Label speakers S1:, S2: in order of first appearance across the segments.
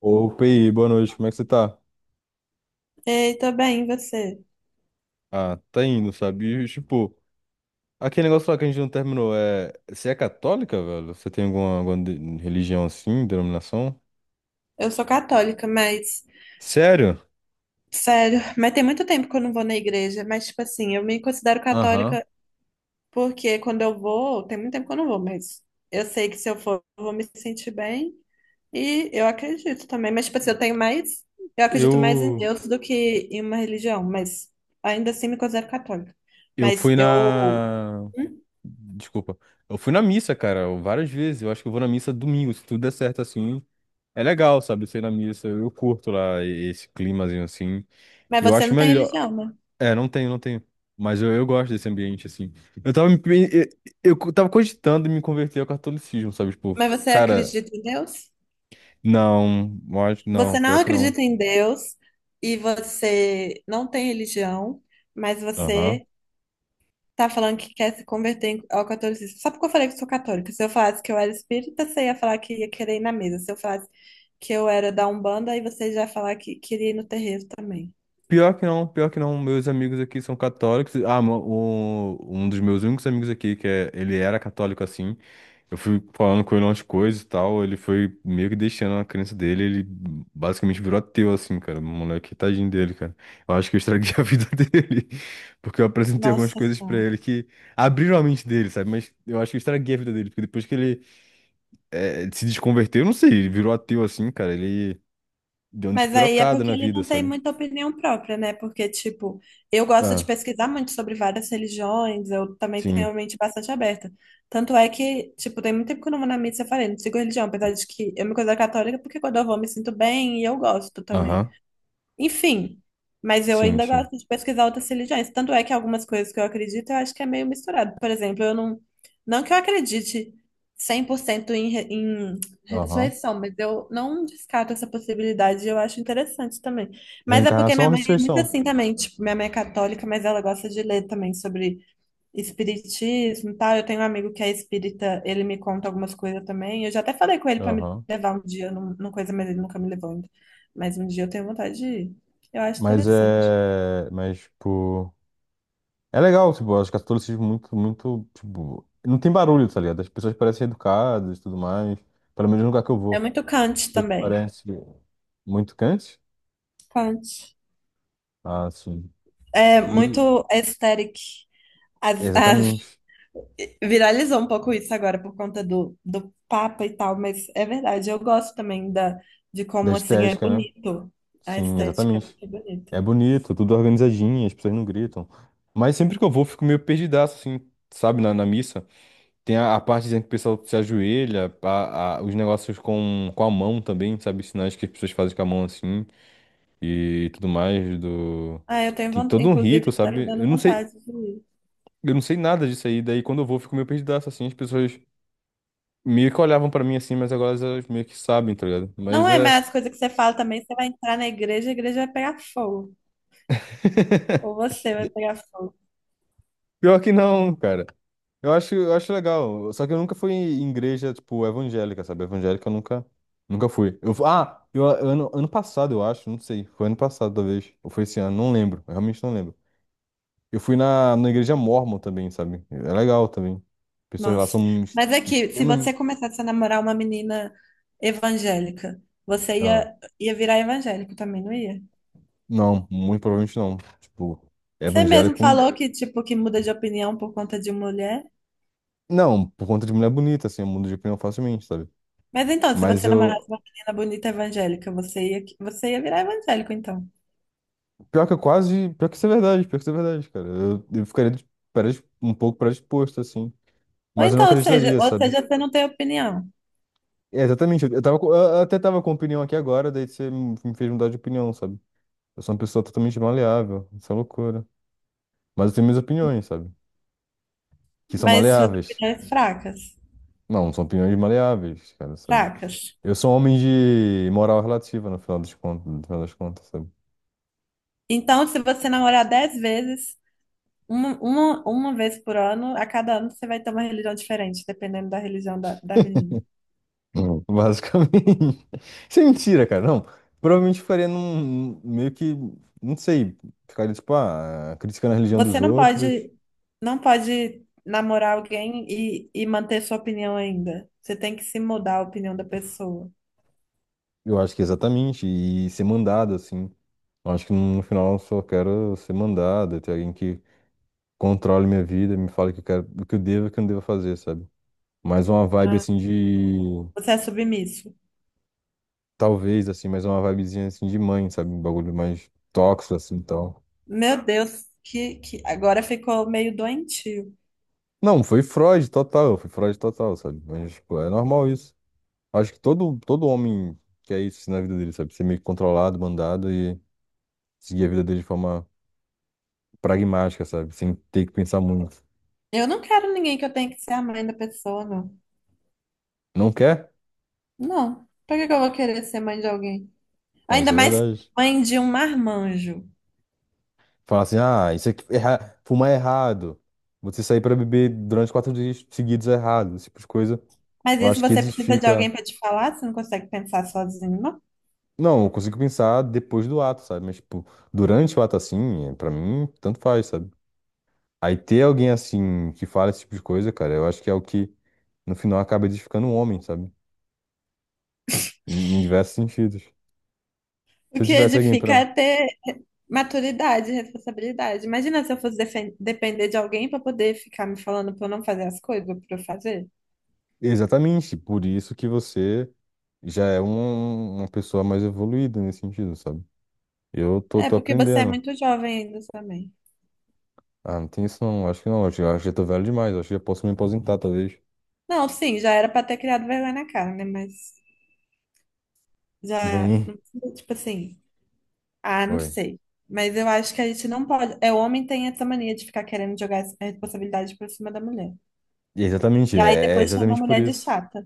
S1: Ô, PI, boa noite, como é que você tá?
S2: Ei, tô bem, e você?
S1: Ah, tá indo, sabe? E, tipo, aquele negócio lá que a gente não terminou. Você é católica, velho? Você tem alguma religião assim, denominação?
S2: Eu sou católica, mas
S1: Sério?
S2: sério. Mas tem muito tempo que eu não vou na igreja, mas tipo assim, eu me considero
S1: Aham.
S2: católica porque quando eu vou, tem muito tempo que eu não vou, mas eu sei que se eu for, eu vou me sentir bem e eu acredito também, mas tipo assim, eu tenho mais, eu acredito mais em
S1: Eu...
S2: Deus do que em uma religião, mas ainda assim me considero católica.
S1: Eu
S2: Mas
S1: fui
S2: eu,
S1: na...
S2: Hum?
S1: Desculpa. Eu fui na missa, cara, várias vezes. Eu acho que eu vou na missa domingo, se tudo der certo assim. É legal, sabe? Ser na missa, eu curto lá esse climazinho assim.
S2: Mas
S1: Eu
S2: você
S1: acho
S2: não tem
S1: melhor.
S2: religião, né?
S1: É, não tenho, não tenho. Mas eu gosto desse ambiente, assim. Eu tava, me- me- eu tava cogitando em me converter ao catolicismo, sabe? Tipo,
S2: Mas você
S1: cara,
S2: acredita em Deus?
S1: não, não,
S2: Você
S1: pior
S2: não
S1: que não.
S2: acredita em Deus e você não tem religião, mas
S1: Aham.
S2: você tá falando que quer se converter ao catolicismo. Só porque eu falei que sou católica. Se eu falasse que eu era espírita, você ia falar que ia querer ir na mesa. Se eu falasse que eu era da Umbanda, aí você já ia falar que queria ir no terreiro também.
S1: Pior que não, pior que não. Meus amigos aqui são católicos. Ah, um dos meus únicos amigos aqui, que é, ele era católico assim. Eu fui falando com ele umas coisas e tal. Ele foi meio que deixando a crença dele. Ele basicamente virou ateu, assim, cara. O moleque, tadinho dele, cara. Eu acho que eu estraguei a vida dele. Porque eu apresentei algumas
S2: Nossa
S1: coisas pra
S2: só.
S1: ele que abriram a mente dele, sabe? Mas eu acho que eu estraguei a vida dele. Porque depois que ele se desconverteu, eu não sei, ele virou ateu assim, cara. Ele deu uma
S2: Mas aí é
S1: despirocada
S2: porque
S1: na
S2: ele
S1: vida,
S2: não tem
S1: sabe?
S2: muita opinião própria, né? Porque, tipo, eu gosto de
S1: Ah,
S2: pesquisar muito sobre várias religiões, eu também tenho
S1: sim.
S2: a mente bastante aberta. Tanto é que, tipo, tem muito tempo que eu não vou na missa, eu falei, não sigo religião, apesar de que eu me considero católica, porque quando eu vou eu me sinto bem e eu gosto também.
S1: Aham.
S2: Enfim, mas eu
S1: Sim,
S2: ainda
S1: sim.
S2: gosto de pesquisar outras religiões. Tanto é que algumas coisas que eu acredito, eu acho que é meio misturado. Por exemplo, eu não. Não que eu acredite 100% em
S1: Aham.
S2: ressurreição, mas eu não descarto essa possibilidade. Eu acho interessante também. Mas é porque
S1: Reencarnação
S2: minha
S1: ou
S2: mãe é muito
S1: ressurreição?
S2: assim também. Tipo, minha mãe é católica, mas ela gosta de ler também sobre espiritismo e tal. Eu tenho um amigo que é espírita, ele me conta algumas coisas também. Eu já até falei com ele para me
S1: Aham.
S2: levar um dia numa coisa, mas ele nunca me levou ainda. Mas um dia eu tenho vontade de ir. Eu acho
S1: Mas
S2: interessante.
S1: é. Mas, tipo. É legal, tipo, eu acho que o catolicismo é muito, muito, tipo. Não tem barulho, tá ligado? As pessoas parecem educadas e tudo mais. Pelo menos no lugar que eu
S2: É
S1: vou.
S2: muito Kant
S1: As pessoas
S2: também.
S1: parecem muito quentes.
S2: Kant.
S1: Ah, sim.
S2: É
S1: E.
S2: muito aesthetic. As- as-
S1: Exatamente.
S2: Viralizou um pouco isso agora por conta do Papa e tal, mas é verdade. Eu gosto também de
S1: Da
S2: como assim é
S1: estética, né?
S2: bonito. A
S1: Sim,
S2: estética é
S1: exatamente.
S2: muito
S1: É
S2: bonita.
S1: bonito, tudo organizadinho, as pessoas não gritam. Mas sempre que eu vou, eu fico meio perdidaço, assim, sabe, na missa. Tem a parte dizendo que o pessoal se ajoelha, os negócios com a mão também, sabe? Os sinais que as pessoas fazem com a mão assim e tudo mais do.
S2: Ah, eu tenho
S1: Tem
S2: vontade,
S1: todo um rito,
S2: inclusive, tá me
S1: sabe?
S2: dando vontade de ir.
S1: Eu não sei nada disso aí, daí quando eu vou eu fico meio perdidaço assim, as pessoas meio que olhavam pra mim assim, mas agora elas meio que sabem, tá ligado? Mas
S2: Não é,
S1: é
S2: mas as coisas que você fala também, você vai entrar na igreja, a igreja vai pegar fogo. Ou você vai pegar fogo.
S1: pior que não, cara. Eu acho legal. Só que eu nunca fui em igreja, tipo, evangélica, sabe? Evangélica eu nunca fui. Eu, fu- ah, eu, ano, ano passado, eu acho, não sei. Foi ano passado, talvez. Ou foi esse ano, não lembro. Eu realmente não lembro. Eu fui na igreja Mórmon também, sabe? É legal também. Pessoas lá
S2: Nossa.
S1: são ex-
S2: Mas aqui, se você
S1: extremamente.
S2: começasse a namorar uma menina evangélica, você
S1: Ah,
S2: ia virar evangélico também, não ia?
S1: não, muito provavelmente não. Tipo,
S2: Você mesmo
S1: evangélico.
S2: falou que, tipo, que muda de opinião por conta de mulher.
S1: Não, por conta de mulher bonita, assim, eu mudo de opinião facilmente, sabe?
S2: Mas então, se
S1: Mas
S2: você namorasse
S1: eu,
S2: uma menina bonita evangélica, você ia virar evangélico, então.
S1: Pior que eu quase. Pior que isso é verdade, pior que isso é verdade, cara. Eu ficaria um pouco predisposto, assim.
S2: Ou
S1: Mas eu não
S2: então, ou seja,
S1: acreditaria,
S2: ou
S1: sabe?
S2: seja, você não tem opinião,
S1: É, exatamente. Eu até tava com opinião aqui agora, daí você me fez mudar de opinião, sabe? Eu sou uma pessoa totalmente maleável. Isso é loucura. Mas eu tenho minhas opiniões, sabe? Que são
S2: mas suas
S1: maleáveis.
S2: opiniões fracas,
S1: Não, são opiniões maleáveis, cara, sabe?
S2: fracas.
S1: Eu sou um homem de moral relativa, no final das contas, no final das contas, sabe?
S2: Então, se você namorar 10 vezes, uma vez por ano, a cada ano você vai ter uma religião diferente, dependendo da religião da menina.
S1: Hum. Basicamente. Isso é mentira, cara. Não. Provavelmente eu ficaria num. Meio que. Não sei. Ficaria, tipo, ah, criticando a religião dos
S2: Você não
S1: outros.
S2: pode, não pode namorar alguém e manter sua opinião ainda. Você tem que se mudar a opinião da pessoa.
S1: Eu acho que é exatamente. E ser mandado, assim. Eu acho que no final eu só quero ser mandado. Ter alguém que controle minha vida, me fale o que eu quero, o que eu devo e o que eu não devo fazer, sabe? Mais uma vibe,
S2: Ah,
S1: assim, de.
S2: você é submisso.
S1: Talvez, assim, mais uma vibezinha, assim, de mãe, sabe? Um bagulho mais tóxico, assim, e tal.
S2: Meu Deus, que agora ficou meio doentio.
S1: Não, foi Freud total, sabe? Mas, tipo, é normal isso. Acho que todo homem quer isso assim, na vida dele, sabe? Ser meio que controlado, mandado e seguir a vida dele de forma pragmática, sabe? Sem ter que pensar muito.
S2: Eu não quero ninguém que eu tenha que ser a mãe da pessoa, não.
S1: Não quer?
S2: Não. Pra que que eu vou querer ser mãe de alguém?
S1: É, isso
S2: Ainda
S1: é
S2: mais
S1: verdade.
S2: mãe de um marmanjo.
S1: Falar assim, ah, isso aqui, fumar é errado. Você sair pra beber durante 4 dias seguidos é errado. Esse tipo de coisa.
S2: Mas
S1: Eu
S2: isso
S1: acho que
S2: você precisa de alguém
S1: edifica.
S2: para te falar, você não consegue pensar sozinho, não?
S1: Não, eu consigo pensar depois do ato, sabe? Mas, tipo, durante o ato assim, é, pra mim, tanto faz, sabe? Aí ter alguém assim que fala esse tipo de coisa, cara, eu acho que é o que no final acaba edificando um homem, sabe? Em diversos sentidos.
S2: O
S1: Se eu
S2: que
S1: tivesse alguém
S2: edifica
S1: para.
S2: é ter maturidade, responsabilidade. Imagina se eu fosse depender de alguém para poder ficar me falando para eu não fazer as coisas, para eu fazer.
S1: Exatamente, por isso que você já é uma pessoa mais evoluída nesse sentido, sabe? Eu tô,
S2: É
S1: tô
S2: porque você é
S1: aprendendo.
S2: muito jovem ainda também.
S1: Ah, não tem isso não, acho que não. Acho, acho que já tô velho demais, acho que já posso me aposentar, talvez.
S2: Não, sim, já era para ter criado vergonha na cara, né? Mas já,
S1: Vem.
S2: não precisa, tipo assim, ah, não
S1: Oi.
S2: sei. Mas eu acho que a gente não pode. É, o homem tem essa mania de ficar querendo jogar essa responsabilidade por cima da mulher.
S1: E exatamente,
S2: E aí
S1: é
S2: depois chama a
S1: exatamente por
S2: mulher de
S1: isso.
S2: chata.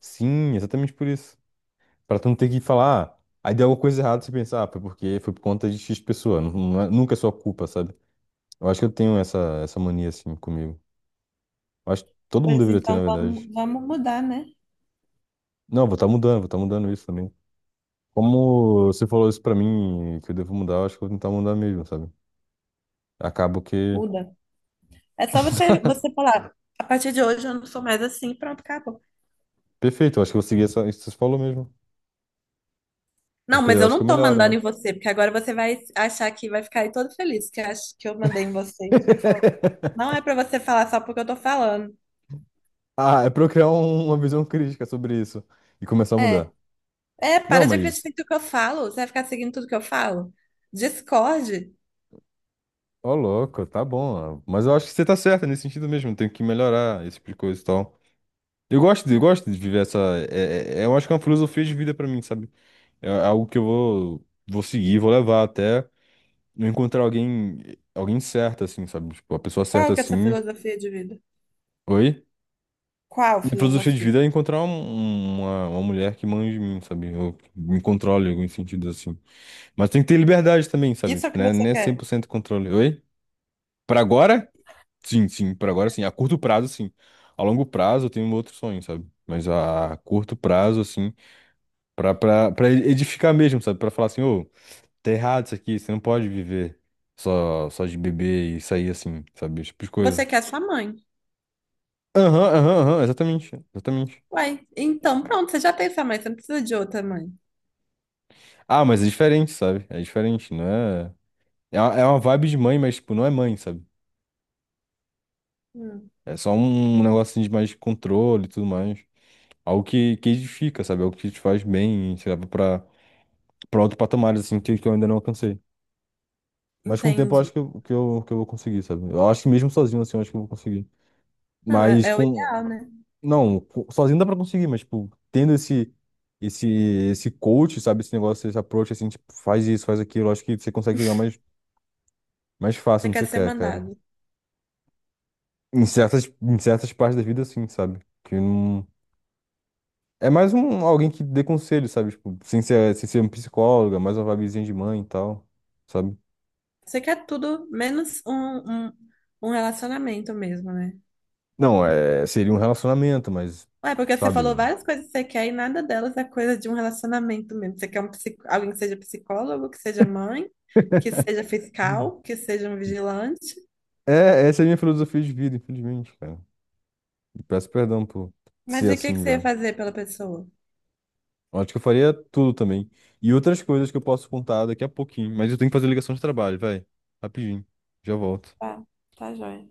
S1: Sim, exatamente por isso. Pra tu não ter que falar, ah, aí deu alguma coisa errada, você pensar, ah, foi porque foi por conta de X pessoa. Nunca é sua culpa, sabe? Eu acho que eu tenho essa mania assim comigo. Eu acho que todo mundo
S2: Pois
S1: deveria ter,
S2: então,
S1: na verdade.
S2: vamos mudar, né?
S1: Não, vou estar mudando isso também. Como você falou isso pra mim, que eu devo mudar, eu acho que eu vou tentar mudar mesmo, sabe? Acabo que.
S2: Muda. É só você falar, a partir de hoje eu não sou mais assim, pronto, acabou.
S1: Perfeito, eu acho que eu vou seguir essa, isso que você falou mesmo.
S2: Não,
S1: Porque
S2: mas
S1: daí eu
S2: eu
S1: acho que
S2: não
S1: eu
S2: tô
S1: melhoro,
S2: mandando
S1: né?
S2: em você, porque agora você vai achar que vai ficar aí todo feliz que, que eu mandei em você. E você fala, não é pra você falar só porque eu tô falando.
S1: Ah, é pra eu criar uma visão crítica sobre isso e começar a
S2: É,
S1: mudar.
S2: é,
S1: Não,
S2: para de
S1: mas,
S2: acreditar em tudo que eu falo. Você vai ficar seguindo tudo que eu falo? Discorde.
S1: ó, louco, tá bom. Ó. Mas eu acho que você tá certa nesse sentido mesmo. Tenho que melhorar esse tipo de coisa e tal. Eu gosto, eu gosto de viver essa. É, é, eu acho que é uma filosofia de vida pra mim, sabe? É algo que eu vou seguir, vou levar até eu encontrar alguém, alguém certo, assim, sabe? Tipo, a pessoa certa,
S2: Qual que é a sua
S1: assim.
S2: filosofia de vida?
S1: Oi?
S2: Qual
S1: Minha filosofia de
S2: filosofia?
S1: vida é encontrar uma mulher que manja de mim, sabe? Eu me controle em algum sentido, assim. Mas tem que ter liberdade também, sabe?
S2: Isso é o
S1: Tipo,
S2: que
S1: né?
S2: você
S1: Não é cem
S2: quer.
S1: por cento controle. Oi? Pra agora? Sim, sim. Pra agora, sim. A curto prazo, sim. A longo prazo, eu tenho um outro sonho, sabe? Mas a curto prazo, assim, pra edificar mesmo, sabe? Pra falar assim, ô, tá errado isso aqui, você não pode viver só de beber e sair assim, sabe? Esse tipo de
S2: Você
S1: coisa.
S2: quer sua mãe.
S1: Aham, aham, aham, exatamente, exatamente.
S2: Uai, então pronto, você já tem sua mãe, você não precisa de outra mãe.
S1: Ah, mas é diferente, sabe? É diferente, não é. É uma vibe de mãe, mas, tipo, não é mãe, sabe?
S2: Hum,
S1: É só um negócio assim, de mais controle e tudo mais. Algo que edifica, sabe? Algo que te faz bem, sei lá, pra outro patamar, assim, que eu ainda não alcancei. Mas com o tempo eu acho
S2: entendi.
S1: que eu vou conseguir, sabe? Eu acho que mesmo sozinho, assim, eu acho que eu vou conseguir.
S2: Não, é,
S1: Mas
S2: é o ideal,
S1: com.
S2: né?
S1: Não, sozinho dá pra conseguir, mas, tipo, tendo esse esse coach, sabe, esse negócio, esse approach assim, tipo, faz isso, faz aquilo, eu acho que você consegue chegar mais fácil
S2: Você
S1: onde
S2: quer
S1: você
S2: ser
S1: quer, cara.
S2: mandado.
S1: Em certas partes da vida, assim, sabe? Que não. É mais um alguém que dê conselho, sabe? Tipo, sem ser um psicólogo, é mais uma vibezinha de mãe e tal, sabe?
S2: Você quer tudo menos um relacionamento mesmo, né?
S1: Não, é, seria um relacionamento, mas,
S2: Ué, porque você
S1: sabe?
S2: falou várias coisas que você quer e nada delas é coisa de um relacionamento mesmo. Você quer alguém que seja psicólogo, que seja mãe, que seja
S1: Hum.
S2: fiscal, que seja um vigilante.
S1: É, essa é a minha filosofia de vida, infelizmente, cara. E peço perdão por
S2: Mas
S1: ser
S2: e o que que
S1: assim,
S2: você ia
S1: velho.
S2: fazer pela pessoa?
S1: Eu acho que eu faria tudo também. E outras coisas que eu posso contar daqui a pouquinho, mas eu tenho que fazer ligação de trabalho, vai. Rapidinho. Já volto.
S2: Tá, tá, joia.